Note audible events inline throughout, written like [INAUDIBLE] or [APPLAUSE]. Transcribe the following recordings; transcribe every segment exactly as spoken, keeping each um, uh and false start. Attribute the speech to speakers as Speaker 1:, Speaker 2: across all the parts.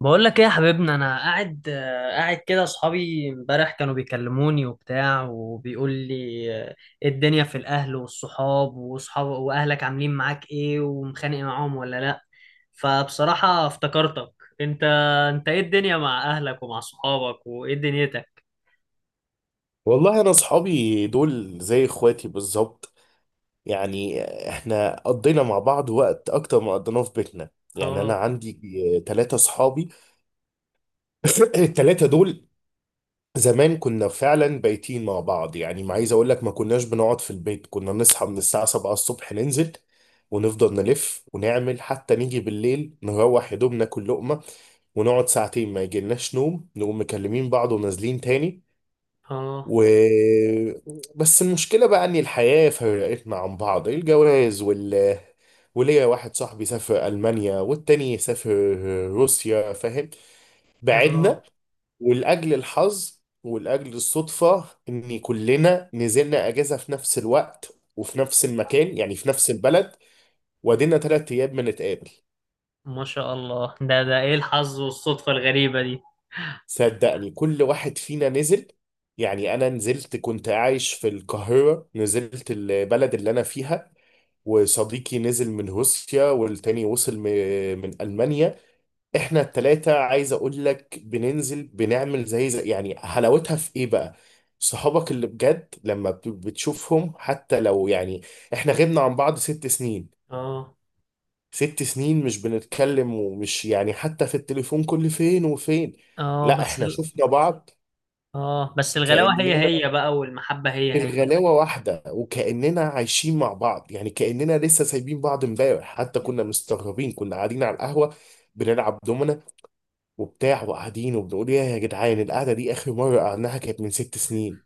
Speaker 1: بقول لك ايه يا حبيبنا؟ انا قاعد آه، قاعد كده. اصحابي امبارح كانوا بيكلموني وبتاع وبيقول لي، آه، إيه الدنيا في الاهل والصحاب واصحاب واهلك عاملين معاك ايه؟ ومخانق معاهم ولا لا؟ فبصراحة افتكرتك. انت انت ايه الدنيا مع اهلك ومع صحابك وايه دنيتك؟
Speaker 2: والله انا اصحابي دول زي اخواتي بالظبط. يعني احنا قضينا مع بعض وقت اكتر ما قضيناه في بيتنا. يعني انا
Speaker 1: اه.
Speaker 2: عندي ثلاثة اصحابي. [LAUGHS] الثلاثة دول زمان كنا فعلا بايتين مع بعض، يعني ما عايز اقول لك ما كناش بنقعد في البيت. كنا نصحى من الساعة سبعة الصبح ننزل ونفضل نلف ونعمل حتى نيجي بالليل، نروح يا دوب ناكل لقمة ونقعد ساعتين. ما يجيلناش نوم نقوم مكلمين بعض ونازلين تاني.
Speaker 1: اه.
Speaker 2: و بس المشكلة بقى إن الحياة فرقتنا عن بعض، الجواز وال... وليا واحد صاحبي سافر ألمانيا والتاني سافر روسيا، فاهم؟
Speaker 1: اه.
Speaker 2: بعدنا. ولأجل الحظ ولأجل الصدفة إن كلنا نزلنا أجازة في نفس الوقت وفي نفس المكان، يعني في نفس البلد، وادينا تلات أيام بنتقابل.
Speaker 1: ما شاء الله، ده ده ايه الحظ والصدفة الغريبة دي؟
Speaker 2: صدقني كل واحد فينا نزل، يعني أنا نزلت كنت عايش في القاهرة نزلت البلد اللي أنا فيها، وصديقي نزل من روسيا، والتاني وصل م- من ألمانيا. احنا التلاتة عايز اقول لك بننزل بنعمل زي, زي يعني. حلاوتها في ايه بقى؟ صحابك اللي بجد لما بت- بتشوفهم، حتى لو يعني احنا غبنا عن بعض ست سنين،
Speaker 1: اه.
Speaker 2: ست سنين مش بنتكلم ومش يعني حتى في التليفون كل فين وفين.
Speaker 1: اه
Speaker 2: لا
Speaker 1: بس
Speaker 2: احنا
Speaker 1: ال-
Speaker 2: شفنا بعض.
Speaker 1: اه، بس الغلاوة هي
Speaker 2: كأننا
Speaker 1: هي بقى، والمحبة هي هي.
Speaker 2: الغلاوة واحدة، وكأننا عايشين مع بعض، يعني كأننا لسه سايبين بعض امبارح. حتى كنا مستغربين، كنا قاعدين على القهوة بنلعب دومنا وبتاع وقاعدين وبنقول يا يا جدعان، القعدة دي آخر مرة قعدناها كانت من ست سنين.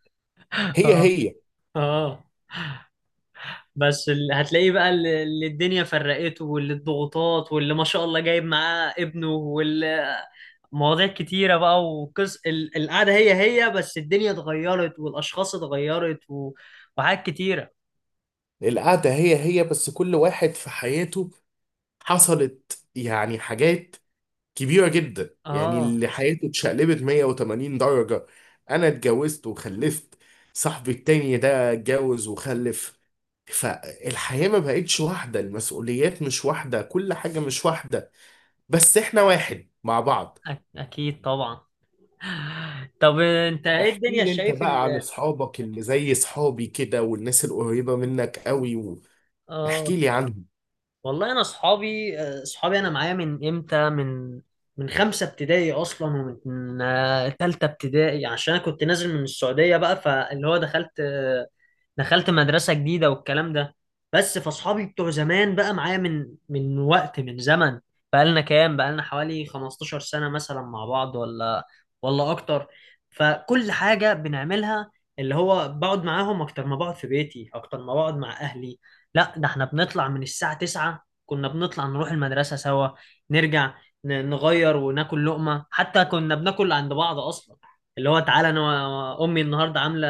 Speaker 2: هي
Speaker 1: [LAUGHS]
Speaker 2: هي.
Speaker 1: اه، بس ال... هتلاقيه بقى، اللي اللي الدنيا فرقته، واللي الضغوطات، واللي ما شاء الله جايب معاه ابنه، واللي مواضيع كتيرة بقى. وقص ال... القعدة هي هي بس الدنيا اتغيرت والأشخاص اتغيرت و... وحاجات كتيرة.
Speaker 2: القعدة هي هي، بس كل واحد في حياته حصلت يعني حاجات كبيرة جدا. يعني
Speaker 1: اه.
Speaker 2: اللي حياته اتشقلبت مية وتمانين درجة. أنا اتجوزت وخلفت، صاحبي التاني ده اتجوز وخلف. فالحياة ما بقتش واحدة، المسؤوليات مش واحدة، كل حاجة مش واحدة، بس احنا واحد مع بعض.
Speaker 1: أك... أكيد طبعا. [LAUGHS] طب انت ايه
Speaker 2: احكي
Speaker 1: الدنيا
Speaker 2: لي انت
Speaker 1: شايف ان...
Speaker 2: بقى عن اصحابك اللي زي صحابي كده، والناس القريبة منك قوي،
Speaker 1: اه،
Speaker 2: واحكي لي عنهم.
Speaker 1: والله انا اصحابي اصحابي انا معايا من امتى؟ من من خمسه ابتدائي اصلا. ومن آه، تالته ابتدائي عشان انا كنت نازل من السعوديه بقى. فاللي هو دخلت دخلت مدرسة جديدة والكلام ده. بس فاصحابي بتوع زمان بقى معايا من من وقت، من زمن. بقالنا كام؟ بقالنا حوالي 15 سنة مثلا مع بعض ولا ولا اكتر. فكل حاجة بنعملها، اللي هو بقعد معاهم اكتر ما بقعد في بيتي، اكتر ما بقعد مع اهلي. لا، ده احنا بنطلع من الساعة تسعة، كنا بنطلع نروح المدرسة سوا، نرجع، ن- نغير وناكل لقمة. حتى كنا بناكل عند بعض اصلا. اللي هو تعالى انا و- امي النهارده عامله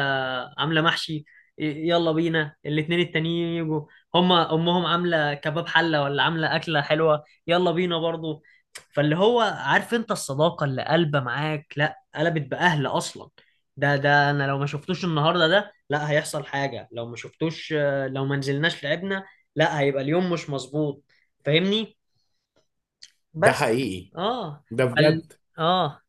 Speaker 1: عامله محشي، يلا بينا. الاتنين التانيين يجوا، هما امهم عامله كباب حله ولا عامله اكله حلوه، يلا بينا برضو. فاللي هو عارف انت الصداقه اللي قلبه معاك لا قلبت باهل اصلا. ده ده انا لو ما شفتوش النهارده ده، لا هيحصل حاجه لو ما شفتوش. آه، لو ما نزلناش لعبنا لا هيبقى اليوم مش مظبوط. فاهمني؟
Speaker 2: ده
Speaker 1: بس.
Speaker 2: حقيقي،
Speaker 1: اه
Speaker 2: ده
Speaker 1: فال...
Speaker 2: بجد.
Speaker 1: اه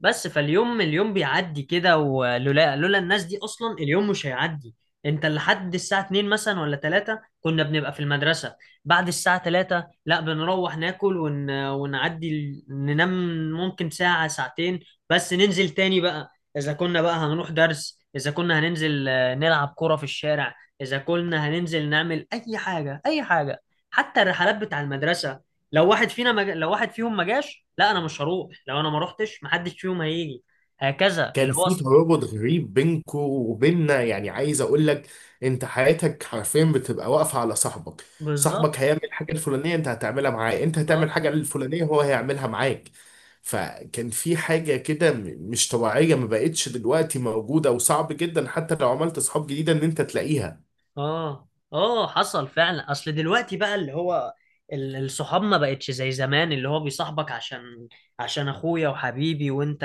Speaker 1: بس فاليوم اليوم بيعدي كده. ولولا لولا الناس دي اصلا، اليوم مش هيعدي. انت لحد الساعة اتنين مثلا ولا تلاتة كنا بنبقى في المدرسة. بعد الساعة تلاتة لا، بنروح ناكل ون... ونعدي ال- ننام ممكن ساعة ساعتين. بس ننزل تاني بقى، اذا كنا بقى هنروح درس، اذا كنا هننزل آه، نلعب كرة في الشارع، اذا كنا هننزل نعمل اي حاجة اي حاجة. حتى الرحلات بتاع المدرسة، لو واحد فينا مج... لو واحد فيهم ما جاش لا انا مش هروح. لو انا ما روحتش محدش فيهم هيجي، هكذا اللي
Speaker 2: كان
Speaker 1: هو.
Speaker 2: في ترابط غريب بينكو وبيننا، يعني عايز اقول لك انت حياتك حرفيا بتبقى واقفه على صاحبك. صاحبك
Speaker 1: بالظبط.
Speaker 2: هيعمل الحاجه الفلانيه انت هتعملها معاه، انت هتعمل
Speaker 1: اه.
Speaker 2: الحاجه الفلانيه هو هيعملها معاك. فكان في حاجه كده م- مش طبيعيه، ما بقتش دلوقتي موجوده، وصعب جدا حتى لو عملت صحاب جديده ان انت تلاقيها.
Speaker 1: اه. اه. حصل فعلا. اصل دلوقتي بقى اللي هو ال- الصحاب ما بقتش زي زمان. اللي هو بيصاحبك عشان عشان اخويا وحبيبي، وانت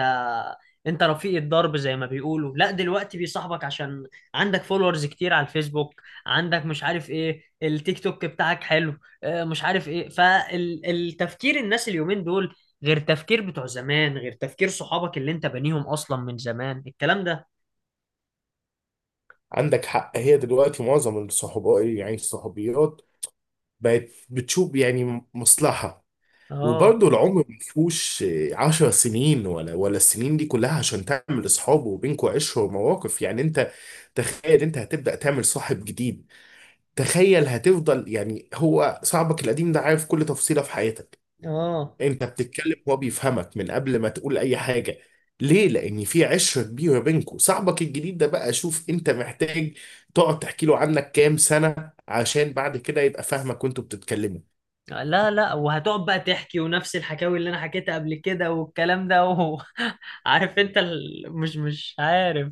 Speaker 1: انت رفيق الدرب زي ما بيقولوا. لا، دلوقتي بيصاحبك عشان عندك فولورز كتير على الفيسبوك، عندك مش عارف ايه، التيك توك بتاعك حلو. آه، مش عارف ايه. فالتفكير الناس اليومين دول غير تفكير بتوع زمان، غير تفكير صحابك اللي انت بنيهم اصلا من زمان الكلام ده.
Speaker 2: عندك حق. هي دلوقتي معظم الصحوبيات يعني الصحوبيات بقت بتشوف يعني مصلحه.
Speaker 1: اه.
Speaker 2: وبرضه العمر ما فيهوش عشر سنين ولا ولا السنين دي كلها عشان تعمل اصحاب وبينكوا عشره ومواقف. يعني انت تخيل انت هتبدا تعمل صاحب جديد؟ تخيل هتفضل. يعني هو صاحبك القديم ده عارف كل تفصيله في حياتك،
Speaker 1: اه.
Speaker 2: انت بتتكلم هو بيفهمك من قبل ما تقول اي حاجه. ليه؟ لأن في عشرة كبيرة بينكوا. صاحبك الجديد ده بقى شوف أنت محتاج تقعد تحكي له عنك كام سنة عشان بعد كده يبقى فاهمك وأنتوا بتتكلموا،
Speaker 1: لا، لا، وهتقعد بقى تحكي ونفس الحكاوي اللي انا حكيتها قبل كده والكلام ده و... [LAUGHS] عارف انت ال... مش مش عارف.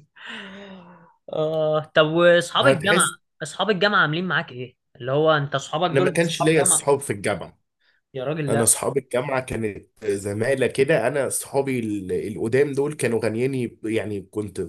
Speaker 1: اه، طب واصحاب الجامعه؟
Speaker 2: هتحس.
Speaker 1: اصحاب الجامعه عاملين معاك ايه، اللي هو انت اصحابك
Speaker 2: أنا ما
Speaker 1: دول
Speaker 2: كانش
Speaker 1: اصحاب
Speaker 2: ليا
Speaker 1: جامعه؟
Speaker 2: أصحاب في الجامعة.
Speaker 1: يا راجل
Speaker 2: انا
Speaker 1: لا.
Speaker 2: اصحاب الجامعه كانت زمايله كده. انا اصحابي ال- القدام دول كانوا غنياني، يعني كنت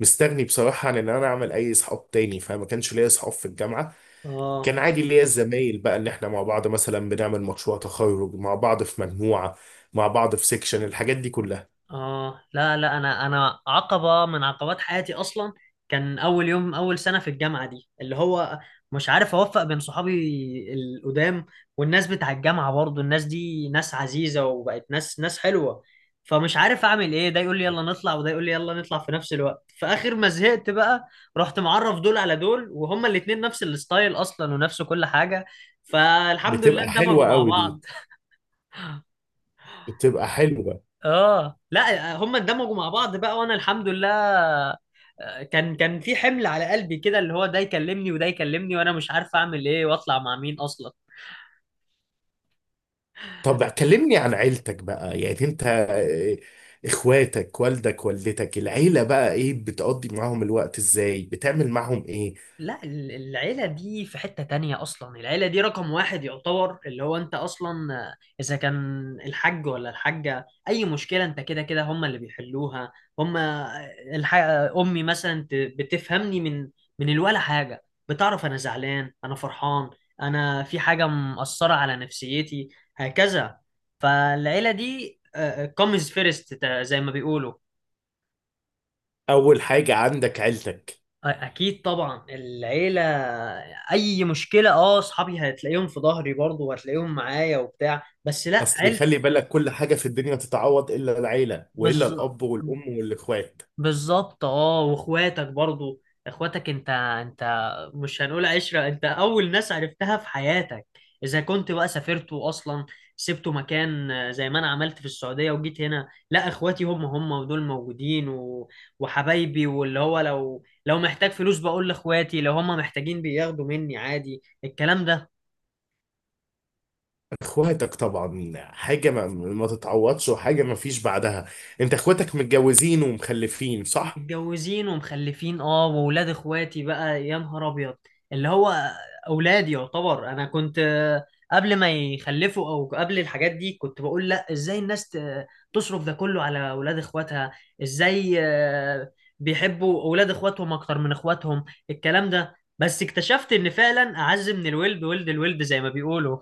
Speaker 2: مستغني بصراحه عن ان انا اعمل اي اصحاب تاني، فما كانش ليا اصحاب في الجامعه.
Speaker 1: اه.
Speaker 2: كان عادي ليا الزمايل بقى ان احنا مع بعض مثلا بنعمل مشروع تخرج مع بعض في مجموعه، مع بعض في سيكشن، الحاجات دي كلها.
Speaker 1: اه. لا، لا. انا انا عقبه من عقبات حياتي اصلا. كان اول يوم اول سنه في الجامعه دي اللي هو مش عارف اوفق بين صحابي القدام والناس بتاع الجامعه. برضو الناس دي ناس عزيزه وبقت ناس، ناس حلوه. فمش عارف اعمل ايه، ده يقول لي يلا نطلع وده يقول لي يلا نطلع في نفس الوقت. فاخر ما زهقت بقى رحت معرف دول على دول، وهما الاتنين نفس الستايل اصلا ونفس كل حاجه. فالحمد لله
Speaker 2: بتبقى
Speaker 1: اندمجوا
Speaker 2: حلوه
Speaker 1: مع
Speaker 2: قوي دي،
Speaker 1: بعض.
Speaker 2: بتبقى حلوه.
Speaker 1: اه، لا هم اندمجوا مع بعض بقى وانا الحمد لله. آه، كان كان في حمل على قلبي كده، اللي هو ده يكلمني وده يكلمني وانا مش عارف اعمل ايه واطلع مع مين اصلا.
Speaker 2: طب كلمني عن عيلتك بقى. يعني انت آه، اخواتك، والدك، والدتك، العيلة بقى ايه؟ بتقضي معاهم الوقت ازاي؟ بتعمل معاهم ايه؟
Speaker 1: لا ال- العيلة دي في حتة تانية أصلا. العيلة دي رقم واحد يعتبر، اللي هو أنت أصلا. آه، إذا كان الحاج ولا الحاجة أي مشكلة، أنت كده كده هما اللي بيحلوها. هما الح... أمي مثلا ت- بتفهمني من من الولا حاجة، بتعرف أنا زعلان، أنا فرحان، أنا في حاجة مأثرة على نفسيتي، هكذا. فالعيلة دي كومز فيرست زي ما بيقولوا.
Speaker 2: اول حاجة عندك عيلتك.
Speaker 1: اكيد طبعا، العيله. اي مشكله، اه، اصحابي هتلاقيهم في ظهري برضه وهتلاقيهم معايا وبتاع بس لا
Speaker 2: اصلي
Speaker 1: عيلتي.
Speaker 2: خلي بالك كل حاجة في الدنيا تتعوض الا العيلة، والا
Speaker 1: بالظبط،
Speaker 2: الاب والام والاخوات.
Speaker 1: بالظبط. اه، واخواتك برضو، اخواتك. انت انت مش هنقول عشرة، انت اول ناس عرفتها في حياتك. اذا كنت بقى سافرت واصلا سبت مكان، آه، زي ما انا عملت في السعودية وجيت هنا، لا اخواتي هم هم ودول موجودين و... وحبايبي. واللي هو لو لو محتاج فلوس بقول لاخواتي، لو هم محتاجين بياخدوا مني عادي الكلام ده.
Speaker 2: اخواتك طبعا حاجة ما, ما تتعوضش وحاجة ما فيش بعدها. انت اخواتك متجوزين ومخلفين صح؟
Speaker 1: متجوزين ومخلفين، اه. واولاد اخواتي بقى يا نهار ابيض، اللي هو اولادي يعتبر. انا كنت آه، قبل ما يخلفوا او قبل الحاجات دي كنت بقول لا ازاي الناس ت- تصرف ده كله على اولاد اخواتها، ازاي آه، بيحبوا اولاد اخواتهم اكتر من اخواتهم الكلام ده. بس اكتشفت ان فعلا اعز من الولد ولد الولد زي ما بيقولوا.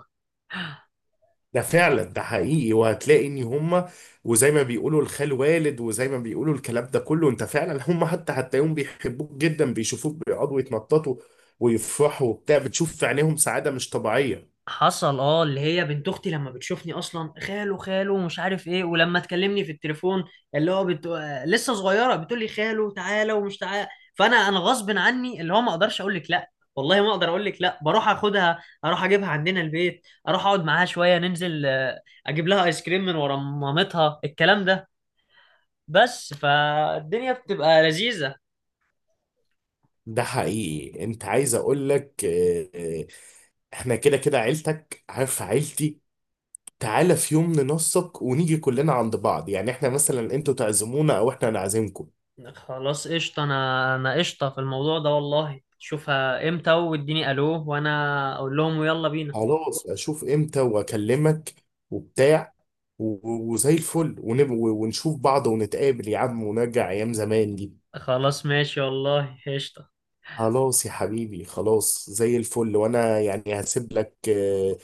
Speaker 2: ده فعلا، ده حقيقي. وهتلاقي ان هم وزي ما بيقولوا الخال والد، وزي ما بيقولوا الكلام ده كله. انت فعلا هم حتى هتلاقيهم بيحبوك جدا، بيشوفوك بيقعدوا يتنططوا ويفرحوا وبتاع، بتشوف في عينيهم سعادة مش طبيعية.
Speaker 1: حصل. اه، اللي هي بنت اختي لما بتشوفني اصلا، خاله خاله مش عارف ايه. ولما تكلمني في التليفون، اللي هو بت... آه، لسه صغيره بتقول لي خاله تعالى ومش تعالى. فانا انا غصب عني، اللي هو ما اقدرش اقول لك لا، والله ما اقدر اقول لك لا. بروح اخدها، اروح اجيبها عندنا البيت، اروح اقعد معاها شويه، ننزل آه، اجيب لها ايس كريم من ورا مامتها الكلام ده. بس فالدنيا بتبقى لذيذه.
Speaker 2: ده حقيقي. انت عايز اقول لك اه، اه، احنا كده كده عيلتك عارف عيلتي. تعالى في يوم ننسق ونيجي كلنا عند بعض، يعني احنا مثلا انتوا تعزمونا او احنا نعزمكم.
Speaker 1: خلاص، قشطة. أنا أنا قشطة في الموضوع ده والله. شوفها إمتى، واديني ألو وأنا أقول لهم ويلا بينا.
Speaker 2: خلاص اشوف امتى واكلمك وبتاع، و- وزي الفل، ونب- ونشوف بعض ونتقابل يا عم ونرجع ايام زمان دي.
Speaker 1: خلاص ماشي والله، قشطة.
Speaker 2: خلاص يا حبيبي، خلاص زي الفل. وانا يعني هسيب لك آه،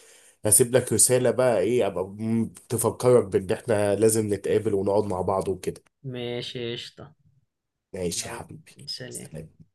Speaker 2: هسيب لك رسالة بقى ايه، ابقى م- تفكرك بان احنا لازم نتقابل ونقعد مع بعض وكده.
Speaker 1: ماشي قشطة.
Speaker 2: ماشي يا
Speaker 1: يلا.
Speaker 2: حبيبي.
Speaker 1: سلام.
Speaker 2: سلام.